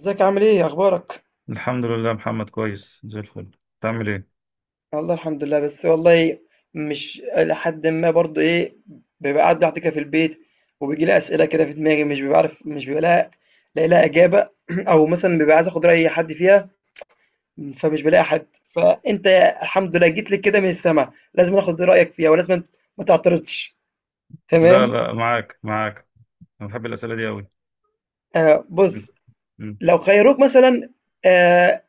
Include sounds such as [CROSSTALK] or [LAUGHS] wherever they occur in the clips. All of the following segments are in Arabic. ازيك، عامل ايه، اخبارك؟ الحمد لله، محمد كويس زي الفل. تعمل ايه؟ والله الحمد لله. بس والله، مش لحد ما برضو ايه، بيبقى قاعد لوحدي كده في البيت، وبيجي لي اسئله كده في دماغي، مش ببقى لها لاقي لها اجابه. [CLEARS THROAT] او مثلا ببقى عايز اخد راي حد فيها، فمش بلاقي حد. فانت الحمد لله جيت لي كده من السما، لازم اخد رايك فيها، ولازم ما تعترضش. لا تمام؟ لا، معاك معاك. انا بحب الاسئله دي قوي. آه، بص، لو خيروك مثلا، آه،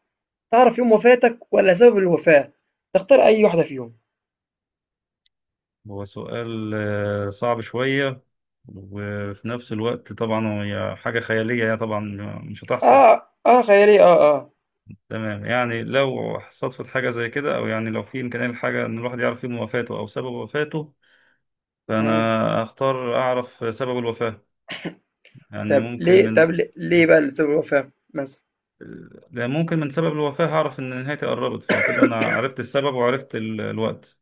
تعرف يوم وفاتك ولا سبب الوفاه، تختار اي واحده فيهم؟ هو سؤال صعب شويه، وفي نفس الوقت طبعا هي حاجه خياليه، يعني طبعا مش هتحصل. اه، اه، خيالي، اه، اه. تمام، يعني لو صدفت حاجه زي كده، او يعني لو في امكانيه لحاجه ان الواحد يعرف يوم وفاته او سبب وفاته، مم. فانا اختار اعرف سبب الوفاه. يعني طب ممكن ليه، طب من ليه ليه بقى لسبب الوفاة مثلًا؟ لأن ممكن من سبب الوفاة هعرف إن نهايتي قربت، فكده أنا عرفت السبب وعرفت الوقت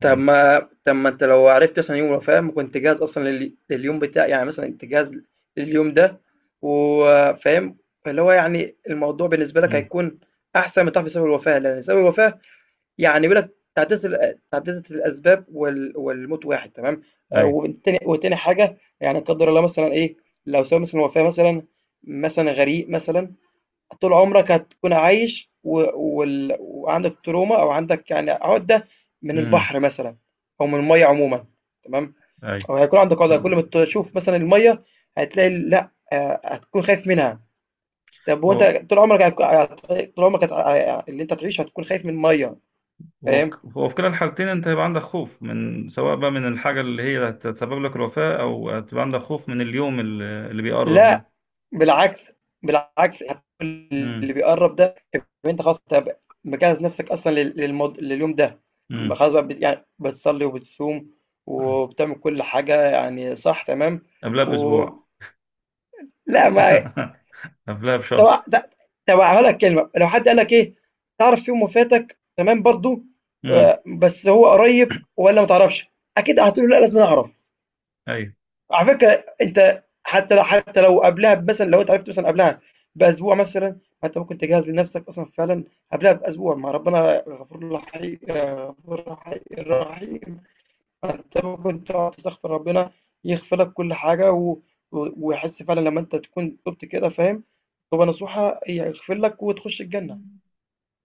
طب يعني. ما طب ما أنت لو عرفت مثلًا يوم الوفاة، ما كنت جاهز أصلًا لليوم بتاع، يعني مثلًا أنت جاهز لليوم ده، وفاهم، اللي هو يعني الموضوع بالنسبة لك مم. هيكون أحسن من تعرف سبب الوفاة. لأن سبب الوفاة يعني بيقول لك تعددت تعددة الأسباب والموت واحد، تمام. أي. وتاني حاجة، يعني لا قدر الله مثلًا إيه، لو سبب مثلًا الوفاة مثلًا، مثلًا غريق مثلًا، طول عمرك هتكون عايش، وعندك تروما، او عندك يعني عقده من مم. البحر مثلا، او من الميه عموما، تمام، أي. او هيكون عندك عقده كل ما تشوف مثلا الميه، هتلاقي لا، آه، هتكون خايف منها. طب وانت هو طول عمرك اللي انت تعيش هتكون خايف من الميه، هو في فاهم؟ هو في كلا الحالتين أنت هيبقى عندك خوف، من سواء بقى من الحاجة اللي هي هتسبب لك الوفاة، أو هتبقى عندك خوف من اليوم اللي بيقرب ده. لا، بالعكس، بالعكس، مم. اللي بيقرّب ده يبقى أنت خلاص، أنت مجهّز نَفْسك أصلًا لل للمض لليوم ده، مم. خلاص بقى، يعني بتصلّي وبتصوم مم. وبتعمل كل حاجة، يعني صح، تمام. قبلها و بأسبوع. لأ ما [LAUGHS] قبلها طب بشهر. د طب هاقول لك كلمة، لو حد قال لك إيه، تعرف يوم وفاتك، تمام، برضه، مم. بس هو قريّب والّا ما تعرفش؟ أكيد هتقول له لأ، لازمًا أعرف. أي. على فكرة أنت حتى لو قبلها مثلًا، لو أنت عرفت مثلًا قبلها بأسبوع مثلًا، ما أنت ممكن تجهّز لنفسك أصلًا فعلًا قبلها بأسبوع، ما ربنا غفور رحي غفور رحي رحيم، فأنت ممكن تقعد تستغفر ربنا يغفر لك كل حاجة، و و ويحس فعلًا لمّا أنت تكون تُبت كده، فاهم، توبة نصوحة، هيغفر لك وتخش الجنة.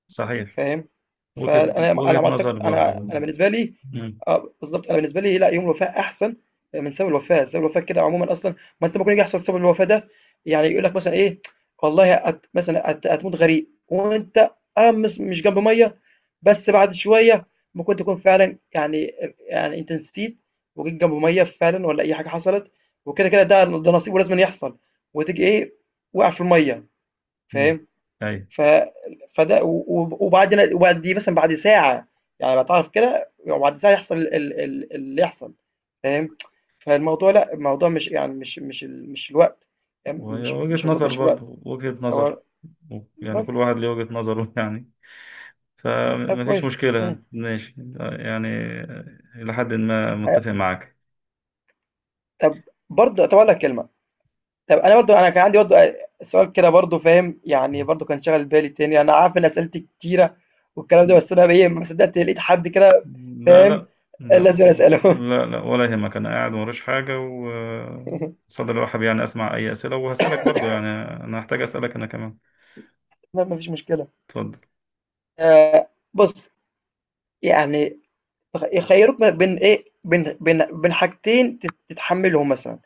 صحيح. فاهم؟ وجهة فأنا وجهة أنا معتق، نظر برضو. أنا بالنسبة لي، مم. آه، بالضبط، أنا بالنسبة لي لأ، يوم الوفاة أحسن من سبب الوفاة. سبب الوفاة كده عمومًا أصلًا، ما أنت ممكن يجي يحصل سبب الوفاة ده، يعني يقول لك مثلًا إيه، والله هت مثلًا هت هتموت غريق، وأنت آه، مش جنب مَيّة، بس بعد شوية ممكن تكون فعلًا، يعني يعني أنت نسيت وجيت جنب مَيّة فعلًا، والّا أي حاجة حصلت وكده، كده ده نصيب ولازمًا يحصل، وتيجي إيه، واقع في المَيّة، مم. فاهم؟ أي. ف فده و وبعد وبعد دي مثلًا بعد ساعة، يعني باتعرف كده، وبعد ساعة يحصل ال ال ال اللي يحصل، فاهم؟ فالموضوع لأ، الموضوع مش يعني مش الوقت، فاهم؟ وهي وجهة نظر، مش الوقت. برضو وجهة هو نظر، يعني كل بس. واحد ليه وجهة نظره. [LAUGHS] يعني طب فمفيش كويس. إمم. مشكلة، ماشي يعني. إلى حد ما أ متفق معاك. طب برضه طب أقول لك كلمة، طب أنا برضه، أنا كان عندي برضه سؤال كده برضه، فاهم، يعني برضه كان شاغل بالي تاني، أنا عارف إن أسئلتي كتيرة والكلام ده، بس أنا إيه، ما صدقت لقيت حد كده، لا فاهم، لا لا. لازم أسأله. لا لا، ولا يهمك، أنا قاعد موريش حاجة، و [LAUGHS] صدر رحب، يعني أسمع أي أسئلة، وهسألك برضو يعني أنا هحتاج أسألك أنا كمان. ما فيش مشكلة. اتفضل. بُص، يعني يخيّروك ما بين إيه، بين حاجتين تتحمّلهم مثلًا.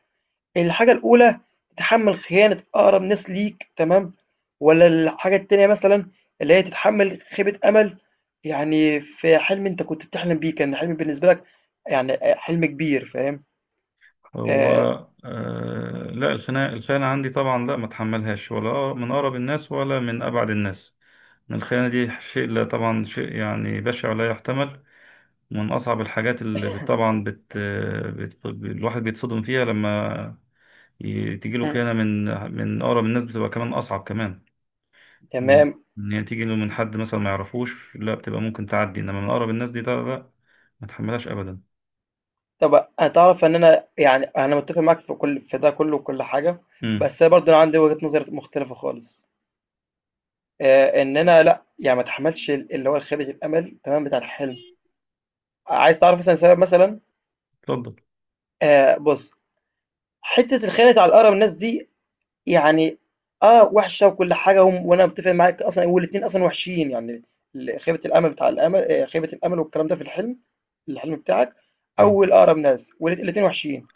الحاجة الأولى، تتحمّل خيانة أقرب ناس ليك، تمام. والّا الحاجة التانية مثلًا، اللي هي تتحمّل خيبة أمل، يعني في حلم أنت كنت بتحلم بيه، كان حلم بالنسبة لك، يعني حلم كبير، فاهم؟ هو آآ آه، لا، الخناقة عندي، طبعا لا، ما اتحملهاش، ولا من أقرب الناس ولا من أبعد الناس. الخيانة دي شيء، لا طبعا شيء يعني بشع ولا يحتمل. من أصعب الحاجات اللي الواحد بيتصدم فيها لما تجيله إمم، خيانة من أقرب الناس، بتبقى كمان أصعب، كمان من تمام. إن هي تيجي له من حد مثلا ما يعرفوش، لا، بتبقى ممكن تعدي، إنما من أقرب الناس دي ده لا، ما تحملهاش أبدا. طب هتعرف إن أنا يعني أنا متّفق معاك في كل في ده كلّه وكل حاجة، امم. بس أنا برضه عندي وجهة نظر مختلفة خالص. إن أنا لأ، يعني ما اتحمّلش اللي هو الخيبة الأمل، تمام، بتاع الحلم. عايز تعرف مثلًا سبب مثلًا؟ اتفضل. بُص، حتّة الخيانة على أقرب الناس دي يعني آه، وحشة وكل حاجة، وأنا متّفق معاك أصلًا، والاتنين أصلًا وحشين، يعني ال خيبة الأمل بتاع الأمل خيبة الأمل والكلام ده في الحلم، الحلم بتاعك، أيوة. أو الأقرب ناس، الاتنين وحشين.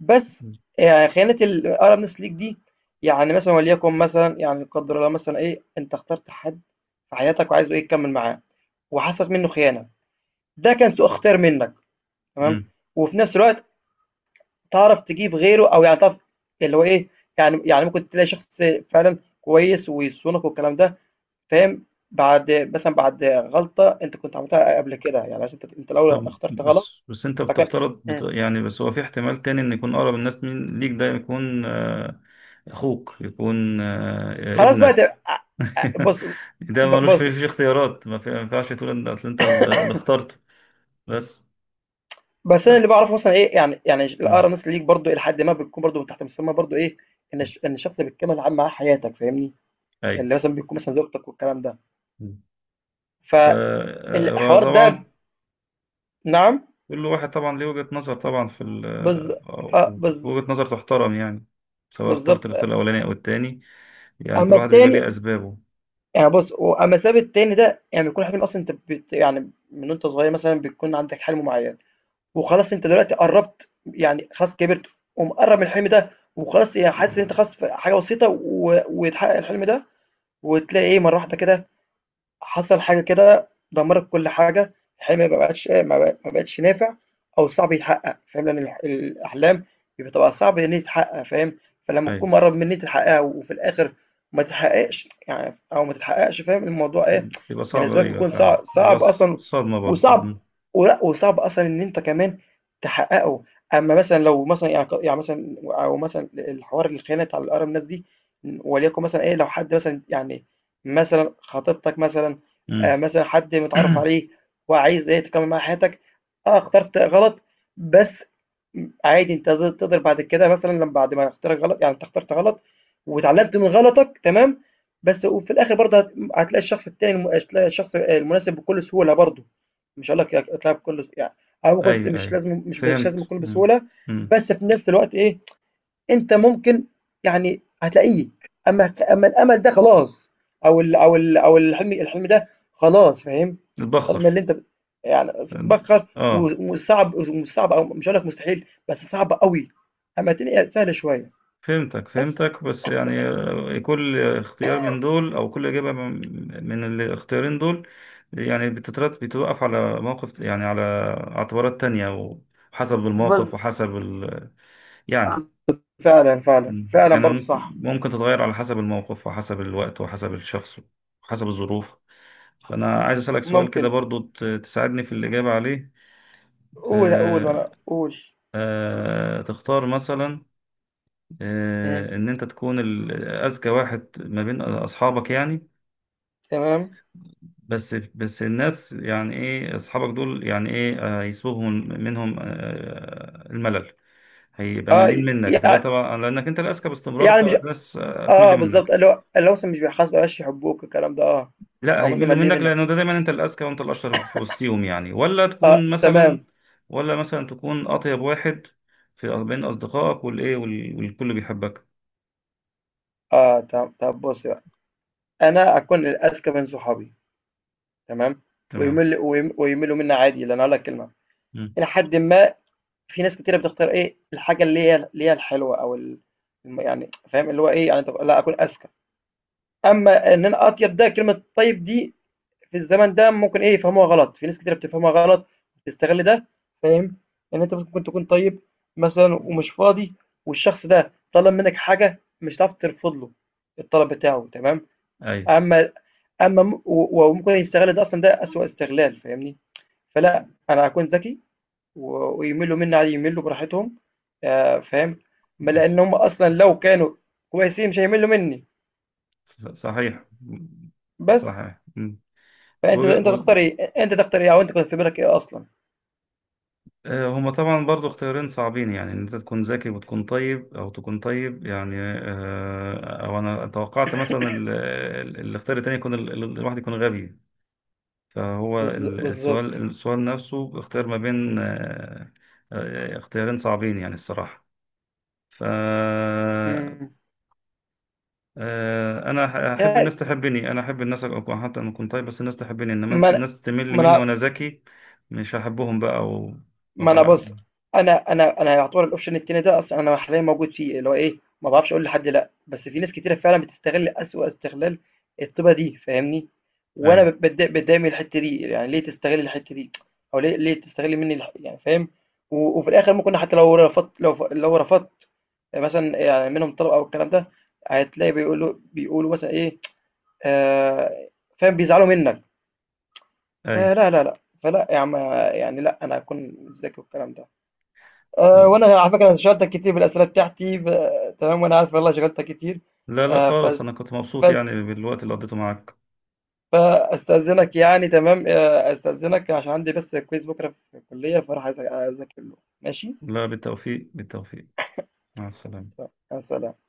بس خيانة الأقرب ناس ليك دي، يعني مثلًا، وليكن مثلًا، يعني لا قدّر الله مثلًا إيه، أنت اخترت حد في حياتك وعايز إيه تكمّل معاه، وحصلت منّه خيانة. ده كان سوء اختيار منّك، تمام، امم. وفي نفس الوقت تعرف تجيب غيره، أو يعني تعرف اللي هو إيه، يعني ممكن تلاقي شخص فعلًا كويس ويصونك والكلام ده، فاهم، بعد مثلًا بعد غلطة أنت كنت عملتها قبل كده، يعني مثلًا أنت الأول طب اخترت غلط، بس أنت فكان بتفترض إمم، يعني بس هو في احتمال تاني، إن يكون أقرب الناس مين ليك ده، يكون أخوك، يكون خلاص بقى ت ابنك. أ [LAUGHS] بُص، ده ملوش بُص. فيه اختيارات، ما ينفعش تقول إن أصل أنت اللي اخترته. بس بس انا ف... اللي بعرفه مثلا ايه، يعني مم. الاقرانس ليك برضو الى حد ما، بتكون برضو من تحت مسمى برضو ايه، ان الشخص اللي بتكمل عام معاه حياتك، فاهمني؟ أي. اللي مثلا بيكون مثلا زوجتك والكلام ده، ف- آه، فالحوار وطبعا ده. نعم. كل واحد طبعا ليه وجهة نظر، طبعا في ال... بز آه، آه، بز، وجهة نظر تحترم يعني، سواء اخترت بالظبط. الاختيار الأولاني أو التاني، يعني كل اما واحد بيبقى التاني، ليه أسبابه. يعني بص، اما السبب التاني ده يعني بيكون حلم اصلا، انت يعني من وانت صغير مثلا بيكون عندك حلم معين، وخلاص انت دلوقتي قربت، يعني خلاص كبرت ومقرب من الحلم ده، وخلاص يعني حاسس ان انت خلاص في حاجه بسيطه، ويتحقق الحلم ده، وتلاقي ايه، مره واحده كده حصل حاجة كده دمّرت كل حاجة. الحلم ما بقاش ما بق ما بقتش نافع، أو صعب يتحقق، فاهم، لأن الأحلام بتبقى صعب إن هي تتحقق، فاهم، فلما أي. تكون مقرّب من إن أنت تحققها وفي الآخر ما تتحققش، يعني أو ما تتحققش، فاهم، الموضوع إيه، بيبقى صعب، بالنسبة لك أيوة بيكون فعلا بيبقى صعب أصلًا، صدمة برضو. وصعب، مم. وصعب أصلًا إن أنت كمان تحققه. أمّا مثلًا لو مثلًا يعني يعني مثلًا، أو مثلًا الحوار الخيانة بتاع الأقرب ناس دي، وليكن مثلًا إيه، لو حد مثلًا يعني مثلًا خطيبتك مثلًا، مم. مثلًا حد متعرّف عليه وعايز إيه تكمّل معاه حياتك، آه اخترت غلط، بس عادي أنت تقدر بعد كده مثلًا لم بعد ما اختيارك غلط، يعني أنت اخترت غلط واتعلّمت من غلطك، تمام، بس وفي الآخر برضه هتلاقي الشخص التاني هتلاقي الشخص المناسب بكل سهولة برضه، مش هاقول لك هتلاقيها بكل يعني، أو ممكن أيوة مش أيوة لازم مش مش لازم فهمت. يكون مم. بسهولة، مم. بس في نفس الوقت إيه، أنت ممكن يعني هتلاقيه. أمّا أمّا الأمل ده خلاص، أو الحلم ده خلاص، فاهم، الحلم تتبخر. اللي أنت يعني بتبخّر، اه. وصعب، ومش صعب، أو مش هاقول لك مستحيل، بس صعب أوي، أمّا الدنيا سهلة شوية. فهمتك بس. فهمتك، بس يعني كل اختيار من دول، او كل اجابه من الاختيارين دول، يعني بتترتب، بتوقف على موقف، يعني على اعتبارات تانية، وحسب بالض الموقف وحسب ال... يعني فعلًا، فعلًا، مم. فعلًا يعني برضه مم- صح. ممكن تتغير على حسب الموقف وحسب الوقت وحسب الشخص وحسب الظروف. فانا عايز اسالك سؤال كده ممكن، برضو تساعدني في الاجابه عليه. قُل قُل، آه. وأنا قُل. آه تختار مثلا، إمم، آه، ان انت تكون اذكى واحد ما بين اصحابك يعني، تمام، بس الناس يعني ايه اصحابك دول، يعني ايه، يسبوهم منهم الملل، هيبقى آه، ملين ي منك، هتبقى يع طبعا لانك انت الاذكى باستمرار، يعني مش، فالناس آه، هتمل بالضبط، منك. اللي هو مثلًا مش بيحاسبك، ما بقاش يحبوك، الكلام ده آه، لا أو مثلًا هيملوا مقلّلين منك، منّك. لانه ده دايما انت الاذكى وانت الاشطر في وسطيهم، يعني ولا آه، تكون مثلا، تمام، ولا مثلا تكون اطيب واحد في بين اصدقائك، والكل بيحبك. آه، طب بُصّي بقى، أنا أكون الأذكى من صحابي، تمام، تمام. ويمل ويم ويميلوا منّي عادي، لأن هاقول لك كلمة، مم. إلى حدٍ ما، في ناس كتيرة بتختار إيه، الحاجة اللي هي الحلوة، أو ال م يعني فاهم، اللي هو إيه، يعني تبقى لأ أكون أذكى. أمّا إن أنا أطيب، ده كلمة طيب دي في الزمن ده ممكن إيه، يفهموها غلط، في ناس كتيرة بتفهمها غلط، بتستغل ده، فاهم، إن أنت ممكن تكون طيب مثلًا، ومش فاضي، والشخص ده طلب منّك حاجة مش هتعرف ترفض له الطلب بتاعه، تمام. ايوه. اما اما وممكن يستغل ده اصلا، ده اسوأ استغلال، فاهمني؟ فلا، انا هكون ذكي، ويملوا مني عادي، يملوا براحتهم، آه، فاهم، ما لان هم اصلا لو كانوا كويسين مش هيملوا مني، صحيح. بس. صحيح. مم. وج- انت تختار و- ايه، انت تختار ايه، او انت كنت في بالك ايه اصلا؟ آه، هما طبعا برضو اختيارين صعبين، يعني ان انت تكون ذكي وتكون طيب، او تكون طيب يعني، او انا توقعت مثلا الاختيار التاني يكون الواحد يكون غبي. فهو بالظبط. السؤال نفسه اختيار ما بين اختيارين صعبين يعني الصراحة. ف مم. آه، انا احب الناس يعني تحبني، انا احب الناس ابقى، حتى انا كنت طيب بس الناس تحبني، انما ما أنا- الناس تمل ما مني انا وانا ذكي، مش هحبهم بقى ما أنا وابقى. بُص، أنا يعتبر الoption التاني ده أصلًا أنا حاليًا موجود فيه، اللي هو إيه، ما باعرفش أقول لحد لأ، بس في ناس كتيرة فعلًا بتستغل أسوأ استغلال الطيبة دي، فاهمني؟ اي. وأنا باتضايق، من الحتّة دي، يعني ليه تستغل الحتّة دي، أو ليه تستغل منّي يعني، فاهم؟ وفي الآخر ممكن حتى لو رفضت، لو رفضت مثلًا يعني منهم طلب، أو الكلام ده، هتلاقي بيقولوا مثلًا إيه، آآ، فاهم، بيزعلوا منّك، اي. فلا، لا، لأ، فلأ يا عم، يعني لأ، أنا هاكون ذكي والكلام ده. أه، طب. وانا على فكره انا شغلتك كتير بالاسئله بتاعتي تمام، وانا عارف، والله شغلتك كتير. لا لا أه، خالص، انا فس... كنت مبسوط فس... يعني بالوقت اللي قضيته معاك. فاستاذنك يعني تمام أه استاذنك عشان عندي بس كويز بكره في الكليه، فراح اذاكر له، ماشي؟ لا، بالتوفيق بالتوفيق. مع السلامة. تمام، مع السلامة.